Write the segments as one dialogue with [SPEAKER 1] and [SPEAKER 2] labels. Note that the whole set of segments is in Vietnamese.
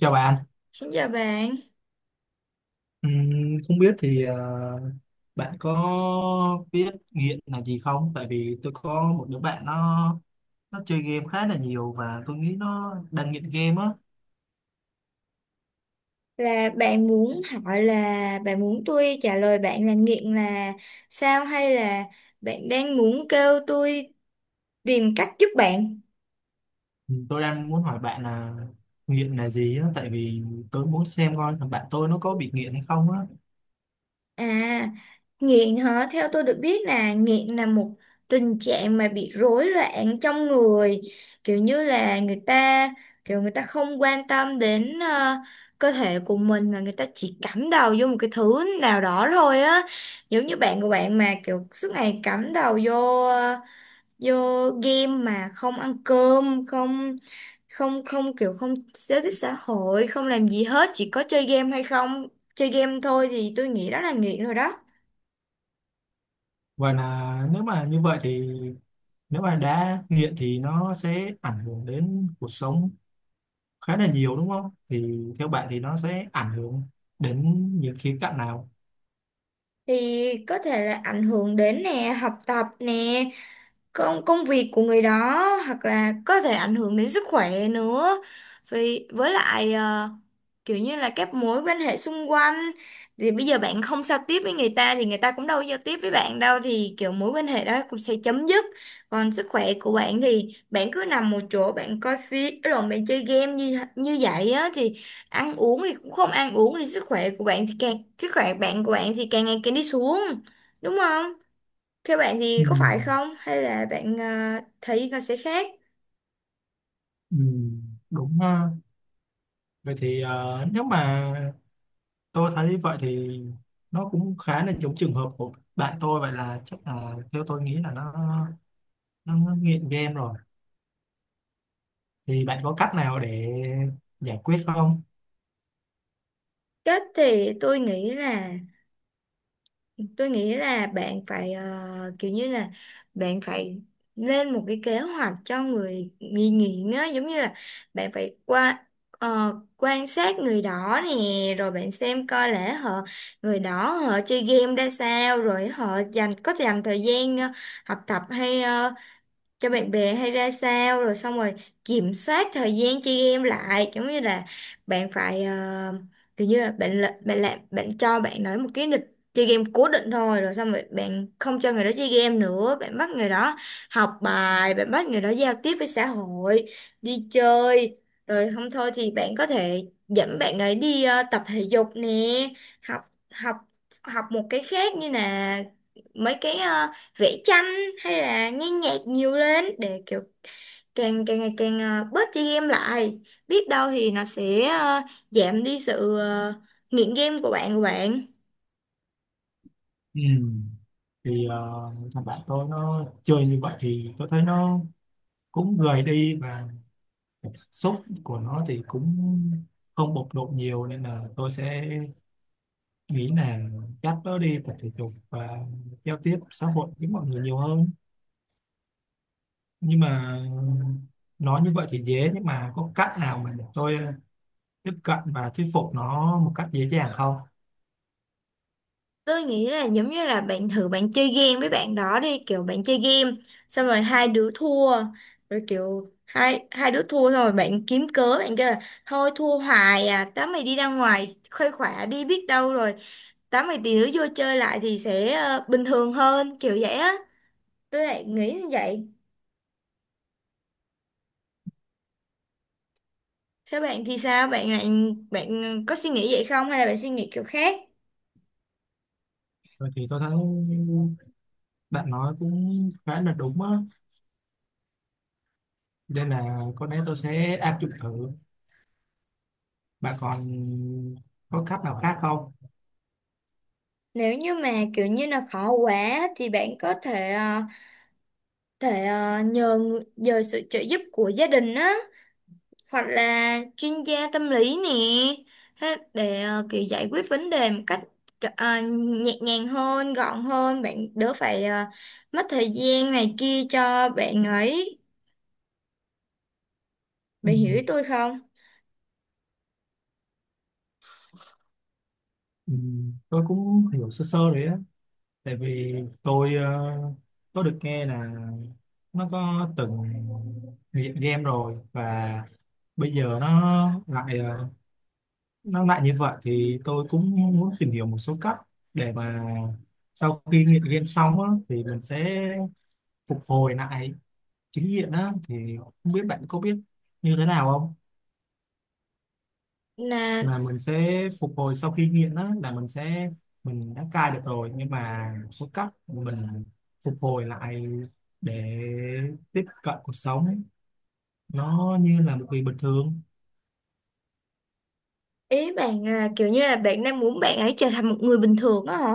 [SPEAKER 1] Chào bạn.
[SPEAKER 2] Xin chào bạn,
[SPEAKER 1] Ừm, Không biết thì bạn có biết nghiện là gì không? Tại vì tôi có một đứa bạn nó chơi game khá là nhiều và tôi nghĩ nó đang nghiện game á.
[SPEAKER 2] là bạn muốn hỏi là bạn muốn tôi trả lời bạn là nghiện là sao hay là bạn đang muốn kêu tôi tìm cách giúp bạn?
[SPEAKER 1] Tôi đang muốn hỏi bạn là nghiện là gì á, tại vì tôi muốn xem coi thằng bạn tôi nó có bị nghiện hay không á.
[SPEAKER 2] À, nghiện hả? Theo tôi được biết là nghiện là một tình trạng mà bị rối loạn trong người, kiểu như là người ta kiểu người ta không quan tâm đến cơ thể của mình mà người ta chỉ cắm đầu vô một cái thứ nào đó thôi á. Giống như bạn của bạn mà kiểu suốt ngày cắm đầu vô vô game mà không ăn cơm không không không kiểu không giao tiếp xã hội không làm gì hết chỉ có chơi game hay không chơi game thôi thì tôi nghĩ đó là nghiện rồi đó.
[SPEAKER 1] Và là nếu mà như vậy thì nếu mà đã nghiện thì nó sẽ ảnh hưởng đến cuộc sống khá là nhiều đúng không? Thì theo bạn thì nó sẽ ảnh hưởng đến những khía cạnh nào?
[SPEAKER 2] Thì có thể là ảnh hưởng đến nè học tập nè công công việc của người đó, hoặc là có thể ảnh hưởng đến sức khỏe nữa, vì với lại kiểu như là các mối quan hệ xung quanh, thì bây giờ bạn không giao tiếp với người ta thì người ta cũng đâu có giao tiếp với bạn đâu thì kiểu mối quan hệ đó cũng sẽ chấm dứt. Còn sức khỏe của bạn thì bạn cứ nằm một chỗ bạn coi phim lộn bạn chơi game như như vậy á thì ăn uống thì cũng không ăn uống thì sức khỏe của bạn thì càng sức khỏe bạn của bạn thì càng ngày càng đi xuống đúng không, theo bạn thì
[SPEAKER 1] Ừ.
[SPEAKER 2] có phải không hay là bạn à, thấy nó sẽ khác.
[SPEAKER 1] Ừ, đúng ha. Vậy thì nếu mà tôi thấy vậy thì nó cũng khá là giống trường hợp của bạn tôi, vậy là chắc là theo tôi nghĩ là nó nghiện game rồi, thì bạn có cách nào để giải quyết không?
[SPEAKER 2] Cách thì tôi nghĩ là bạn phải kiểu như là bạn phải lên một cái kế hoạch cho người nghi nghiện á, giống như là bạn phải qua quan sát người đó nè, rồi bạn xem coi lẽ họ người đó họ chơi game ra sao, rồi họ dành có dành thời gian học tập hay cho bạn bè hay ra sao, rồi xong rồi kiểm soát thời gian chơi game lại, giống như là bạn phải kiểu như là- bạn làm bạn cho bạn nói một cái lịch chơi game cố định thôi, rồi xong rồi bạn không cho người đó chơi game nữa, bạn bắt người đó học bài, bạn bắt người đó giao tiếp với xã hội, đi chơi, rồi không thôi thì bạn có thể dẫn bạn ấy đi tập thể dục nè, học học học một cái khác như là mấy cái vẽ tranh hay là nghe nhạc nhiều lên để kiểu càng càng ngày càng bớt chơi game lại, biết đâu thì nó sẽ giảm đi sự nghiện game của bạn của bạn.
[SPEAKER 1] Ừ. Thì thằng bạn tôi nó chơi như vậy thì tôi thấy nó cũng gầy đi và cảm xúc của nó thì cũng không bộc lộ nhiều, nên là tôi sẽ nghĩ là cắt nó đi tập thể dục và giao tiếp xã hội với mọi người nhiều hơn. Nhưng mà nói như vậy thì dễ, nhưng mà có cách nào mà để tôi tiếp cận và thuyết phục nó một cách dễ dàng không?
[SPEAKER 2] Tôi nghĩ là giống như là bạn thử bạn chơi game với bạn đó đi, kiểu bạn chơi game xong rồi hai đứa thua, rồi kiểu hai hai đứa thua xong rồi bạn kiếm cớ bạn kêu là thôi thua hoài à, tao mày đi ra ngoài khuây khỏa đi, biết đâu rồi tám mày tí nữa vô chơi lại thì sẽ bình thường hơn kiểu vậy á, tôi lại nghĩ như vậy. Thế bạn thì sao, bạn lại bạn có suy nghĩ vậy không hay là bạn suy nghĩ kiểu khác.
[SPEAKER 1] Vậy thì tôi thấy bạn nói cũng khá là đúng á, nên là có lẽ tôi sẽ áp dụng thử. Bạn còn có cách nào khác không?
[SPEAKER 2] Nếu như mà kiểu như là khó quá thì bạn có thể thể nhờ người- nhờ sự trợ giúp của gia đình á, hoặc là chuyên gia tâm lý nè, thế để kiểu giải quyết vấn đề một cách nhẹ nhàng hơn gọn hơn, bạn đỡ phải mất thời gian này kia cho bạn ấy.
[SPEAKER 1] Ừ.
[SPEAKER 2] Bạn hiểu ý tôi không?
[SPEAKER 1] Ừ, tôi cũng hiểu sơ sơ đấy, tại vì tôi có được nghe là nó có từng nghiện game rồi, và bây giờ nó lại nó lại như vậy, thì tôi cũng muốn tìm hiểu một số cách để mà sau khi nghiện game xong á, thì mình sẽ phục hồi lại chính nghiện á, thì không biết bạn có biết như thế nào không,
[SPEAKER 2] Là
[SPEAKER 1] là mình sẽ phục hồi sau khi nghiện. Đó là mình sẽ mình đã cai được rồi, nhưng mà một số cách mình phục hồi lại để tiếp cận cuộc sống nó như là một người bình thường.
[SPEAKER 2] ý bạn à, kiểu như là bạn đang muốn bạn ấy trở thành một người bình thường á hả?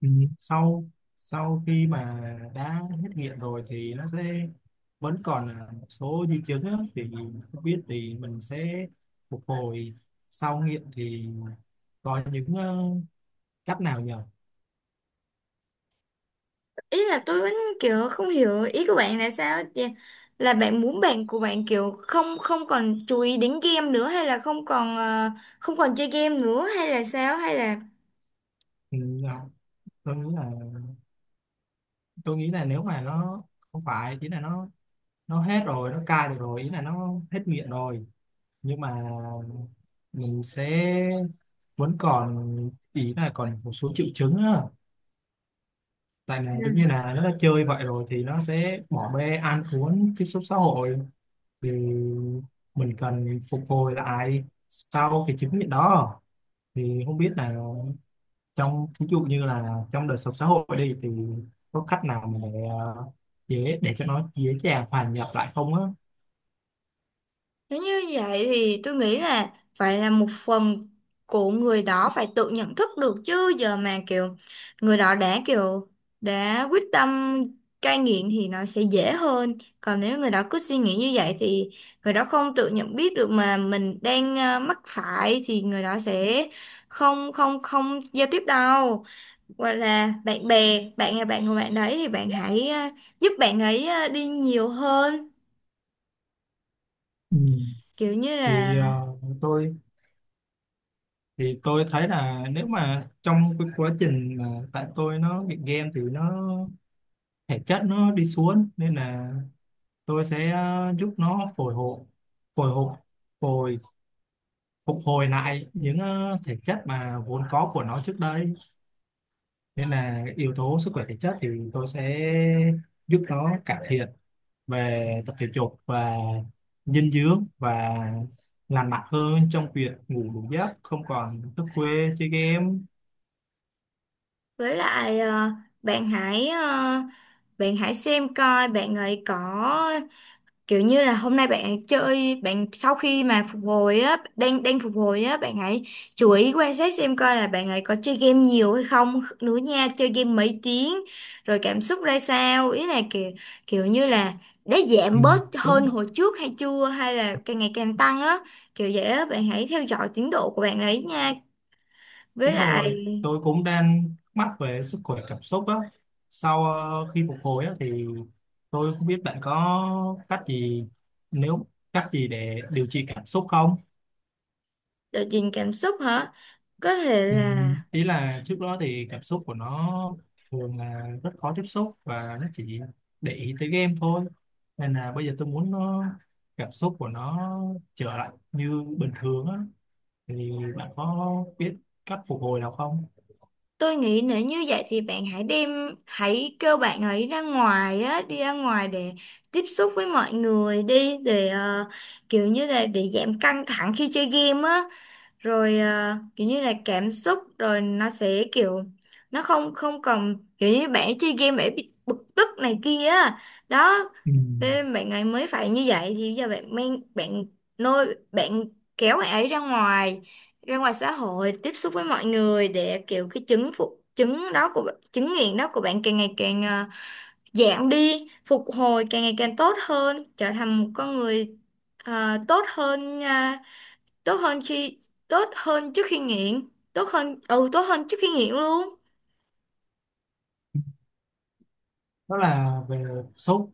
[SPEAKER 1] Ừ. Sau sau khi mà đã hết nghiện rồi thì nó sẽ vẫn còn là một số di chứng á, thì không biết thì mình sẽ phục hồi sau nghiện thì có những cách nào nhỉ?
[SPEAKER 2] Ý là tôi vẫn kiểu không hiểu ý của bạn là sao chị? Là bạn muốn bạn của bạn kiểu không không còn chú ý đến game nữa hay là không còn không còn chơi game nữa hay là sao hay là
[SPEAKER 1] Ừ, dạ, tôi nghĩ là tôi nghĩ là nếu mà nó không phải chỉ là nó hết rồi nó cai được rồi, ý là nó hết nghiện rồi, nhưng mà mình sẽ vẫn còn, ý là còn một số triệu chứng á, tại là giống như là nó đã chơi vậy rồi thì nó sẽ bỏ bê ăn uống tiếp xúc xã hội, thì mình cần phục hồi lại sau cái chứng nghiện đó. Thì không biết là trong ví dụ như là trong đời sống xã hội đi, thì có cách nào mà dễ để cho nó dễ dàng hòa nhập lại không á?
[SPEAKER 2] nếu như vậy thì tôi nghĩ là phải là một phần của người đó phải tự nhận thức được, chứ giờ mà kiểu người đó đã kiểu đã quyết tâm cai nghiện thì nó sẽ dễ hơn. Còn nếu người đó cứ suy nghĩ như vậy thì người đó không tự nhận biết được mà mình đang mắc phải thì người đó sẽ không không không giao tiếp đâu. Hoặc là bạn bè, bạn là bạn của bạn đấy thì bạn hãy giúp bạn ấy đi nhiều hơn.
[SPEAKER 1] Ừ.
[SPEAKER 2] Kiểu như
[SPEAKER 1] Thì
[SPEAKER 2] là
[SPEAKER 1] tôi tôi thấy là nếu mà trong cái quá trình mà tại tôi nó nghiện game thì nó thể chất nó đi xuống, nên là tôi sẽ giúp nó phổi hộ phổi hộ phổi phục hồi lại những thể chất mà vốn có của nó trước đây. Nên là yếu tố sức khỏe thể chất thì tôi sẽ giúp nó cải thiện về tập thể dục và dinh dưỡng và lành mạnh hơn trong việc ngủ đủ giấc, không còn thức khuya chơi game.
[SPEAKER 2] với lại bạn hãy bạn hãy xem coi bạn ấy có kiểu như là hôm nay bạn chơi bạn sau khi mà phục hồi á đang đang phục hồi á, bạn hãy chú ý quan sát xem coi là bạn ấy có chơi game nhiều hay không nữa nha, chơi game mấy tiếng rồi cảm xúc ra sao, ý là kiểu kiểu như là đã
[SPEAKER 1] Ừ,
[SPEAKER 2] giảm bớt hơn
[SPEAKER 1] đúng.
[SPEAKER 2] hồi trước hay chưa hay là càng ngày càng tăng á, kiểu vậy á bạn hãy theo dõi tiến độ của bạn ấy nha. Với
[SPEAKER 1] Đúng
[SPEAKER 2] lại
[SPEAKER 1] rồi, tôi cũng đang thắc mắc về sức khỏe cảm xúc á, sau khi phục hồi á, thì tôi không biết bạn có cách gì, nếu cách gì để điều trị cảm xúc không?
[SPEAKER 2] đợt nhìn cảm xúc hả? Có thể
[SPEAKER 1] Ừ,
[SPEAKER 2] là
[SPEAKER 1] ý là trước đó thì cảm xúc của nó thường là rất khó tiếp xúc và nó chỉ để ý tới game thôi, nên là bây giờ tôi muốn nó cảm xúc của nó trở lại như bình thường á, thì bạn có biết cách phục hồi nào không?
[SPEAKER 2] tôi nghĩ nếu như vậy thì bạn hãy đem hãy kêu bạn ấy ra ngoài á, đi ra ngoài để tiếp xúc với mọi người đi, để kiểu như là để giảm căng thẳng khi chơi game á. Rồi à, kiểu như là cảm xúc rồi nó sẽ kiểu nó không không còn kiểu như bạn chơi game bạn bị bực tức này kia á, đó
[SPEAKER 1] Ừ.
[SPEAKER 2] nên bạn ấy mới phải như vậy, thì giờ bạn mang bạn nôi bạn kéo bạn ấy ra ngoài xã hội tiếp xúc với mọi người, để kiểu cái chứng phục chứng đó của bạn- chứng nghiện đó của bạn càng ngày càng à, giảm đi, phục hồi càng ngày càng tốt hơn, trở thành một con người à, tốt hơn tốt hơn khi tốt hơn trước khi nghiện, tốt hơn ừ tốt hơn trước khi nghiện luôn.
[SPEAKER 1] Đó là về cảm xúc,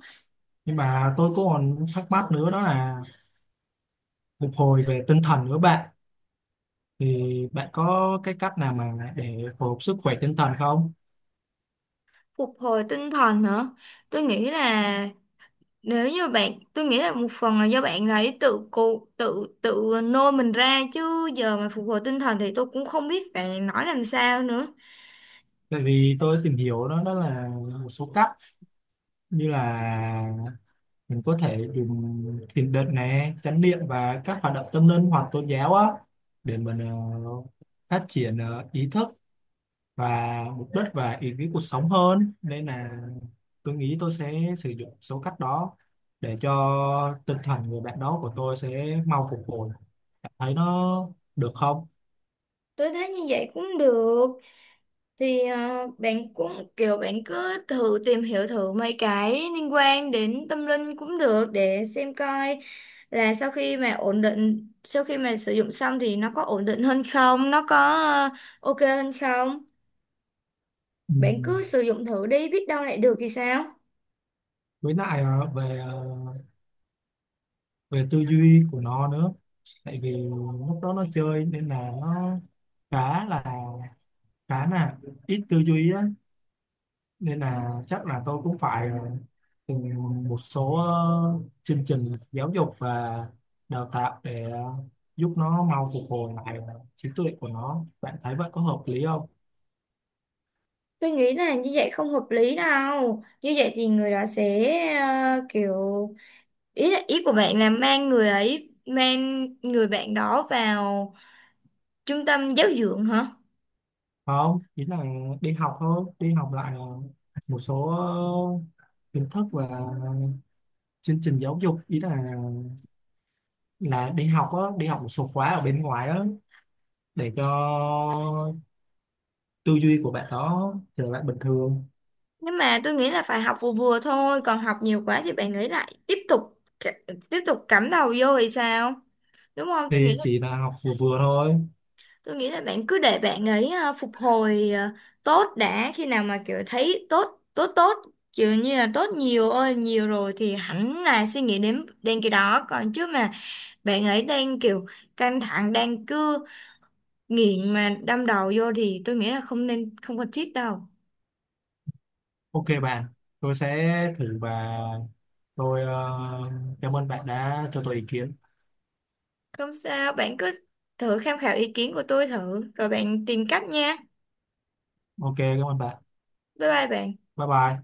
[SPEAKER 1] nhưng mà tôi cũng còn thắc mắc nữa, đó là phục hồi về tinh thần nữa bạn. Thì bạn có cái cách nào mà để phục hồi sức khỏe tinh thần không?
[SPEAKER 2] Phục hồi tinh thần hả? Tôi nghĩ là nếu như bạn tôi nghĩ là một phần là do bạn ấy tự cô tự tự nôi mình ra, chứ giờ mà phục hồi tinh thần thì tôi cũng không biết phải nói làm sao nữa.
[SPEAKER 1] Tại vì tôi tìm hiểu đó, đó là một số cách như là mình có thể dùng thiền định này, chánh niệm và các hoạt động tâm linh hoặc tôn giáo á, để mình phát triển ý thức và mục đích và ý nghĩa cuộc sống hơn, nên là tôi nghĩ tôi sẽ sử dụng số cách đó để cho tinh thần người bạn đó của tôi sẽ mau phục hồi. Bạn thấy nó được không?
[SPEAKER 2] Tôi thấy như vậy cũng được, thì bạn cũng kiểu bạn cứ thử tìm hiểu thử mấy cái liên quan đến tâm linh cũng được, để xem coi là sau khi mà ổn định sau khi mà sử dụng xong thì nó có ổn định hơn không, nó có ờ, ok hơn không.
[SPEAKER 1] Ừ.
[SPEAKER 2] Bạn cứ sử dụng thử đi, biết đâu lại được thì sao.
[SPEAKER 1] Với lại về về tư duy của nó nữa, tại vì lúc đó nó chơi nên là nó khá là khá là ít tư duy á, nên là chắc là tôi cũng phải từng một số chương trình giáo dục và đào tạo để giúp nó mau phục hồi lại trí tuệ của nó. Bạn thấy vậy có hợp lý không?
[SPEAKER 2] Tôi nghĩ là như vậy không hợp lý đâu, như vậy thì người đó sẽ kiểu ý là ý của bạn là mang người ấy mang người bạn đó vào trung tâm giáo dưỡng hả?
[SPEAKER 1] Không, ý là đi học thôi, đi học lại một số kiến thức và chương trình giáo dục, ý là đi học á, đi học một số khóa ở bên ngoài á, để cho tư duy của bạn đó trở lại bình thường.
[SPEAKER 2] Nhưng mà tôi nghĩ là phải học vừa vừa thôi, còn học nhiều quá thì bạn nghĩ lại tiếp tục c- tiếp tục cắm đầu vô thì sao, đúng không. Tôi
[SPEAKER 1] Thì
[SPEAKER 2] nghĩ là
[SPEAKER 1] chỉ là học vừa vừa thôi.
[SPEAKER 2] tôi nghĩ là bạn cứ để bạn ấy phục hồi tốt đã, khi nào mà kiểu thấy tốt tốt tốt kiểu như là tốt nhiều ơi nhiều rồi thì hẳn là suy nghĩ đến đến cái đó còn, chứ mà bạn ấy đang kiểu căng thẳng đang cứ nghiện mà đâm đầu vô thì tôi nghĩ là không nên không cần thiết đâu.
[SPEAKER 1] Ok bạn, tôi sẽ thử và tôi cảm ơn bạn đã cho tôi ý kiến.
[SPEAKER 2] Không sao, bạn cứ thử tham khảo ý kiến của tôi thử, rồi bạn tìm cách nha.
[SPEAKER 1] Ok, cảm ơn bạn.
[SPEAKER 2] Bye bye bạn.
[SPEAKER 1] Bye bye.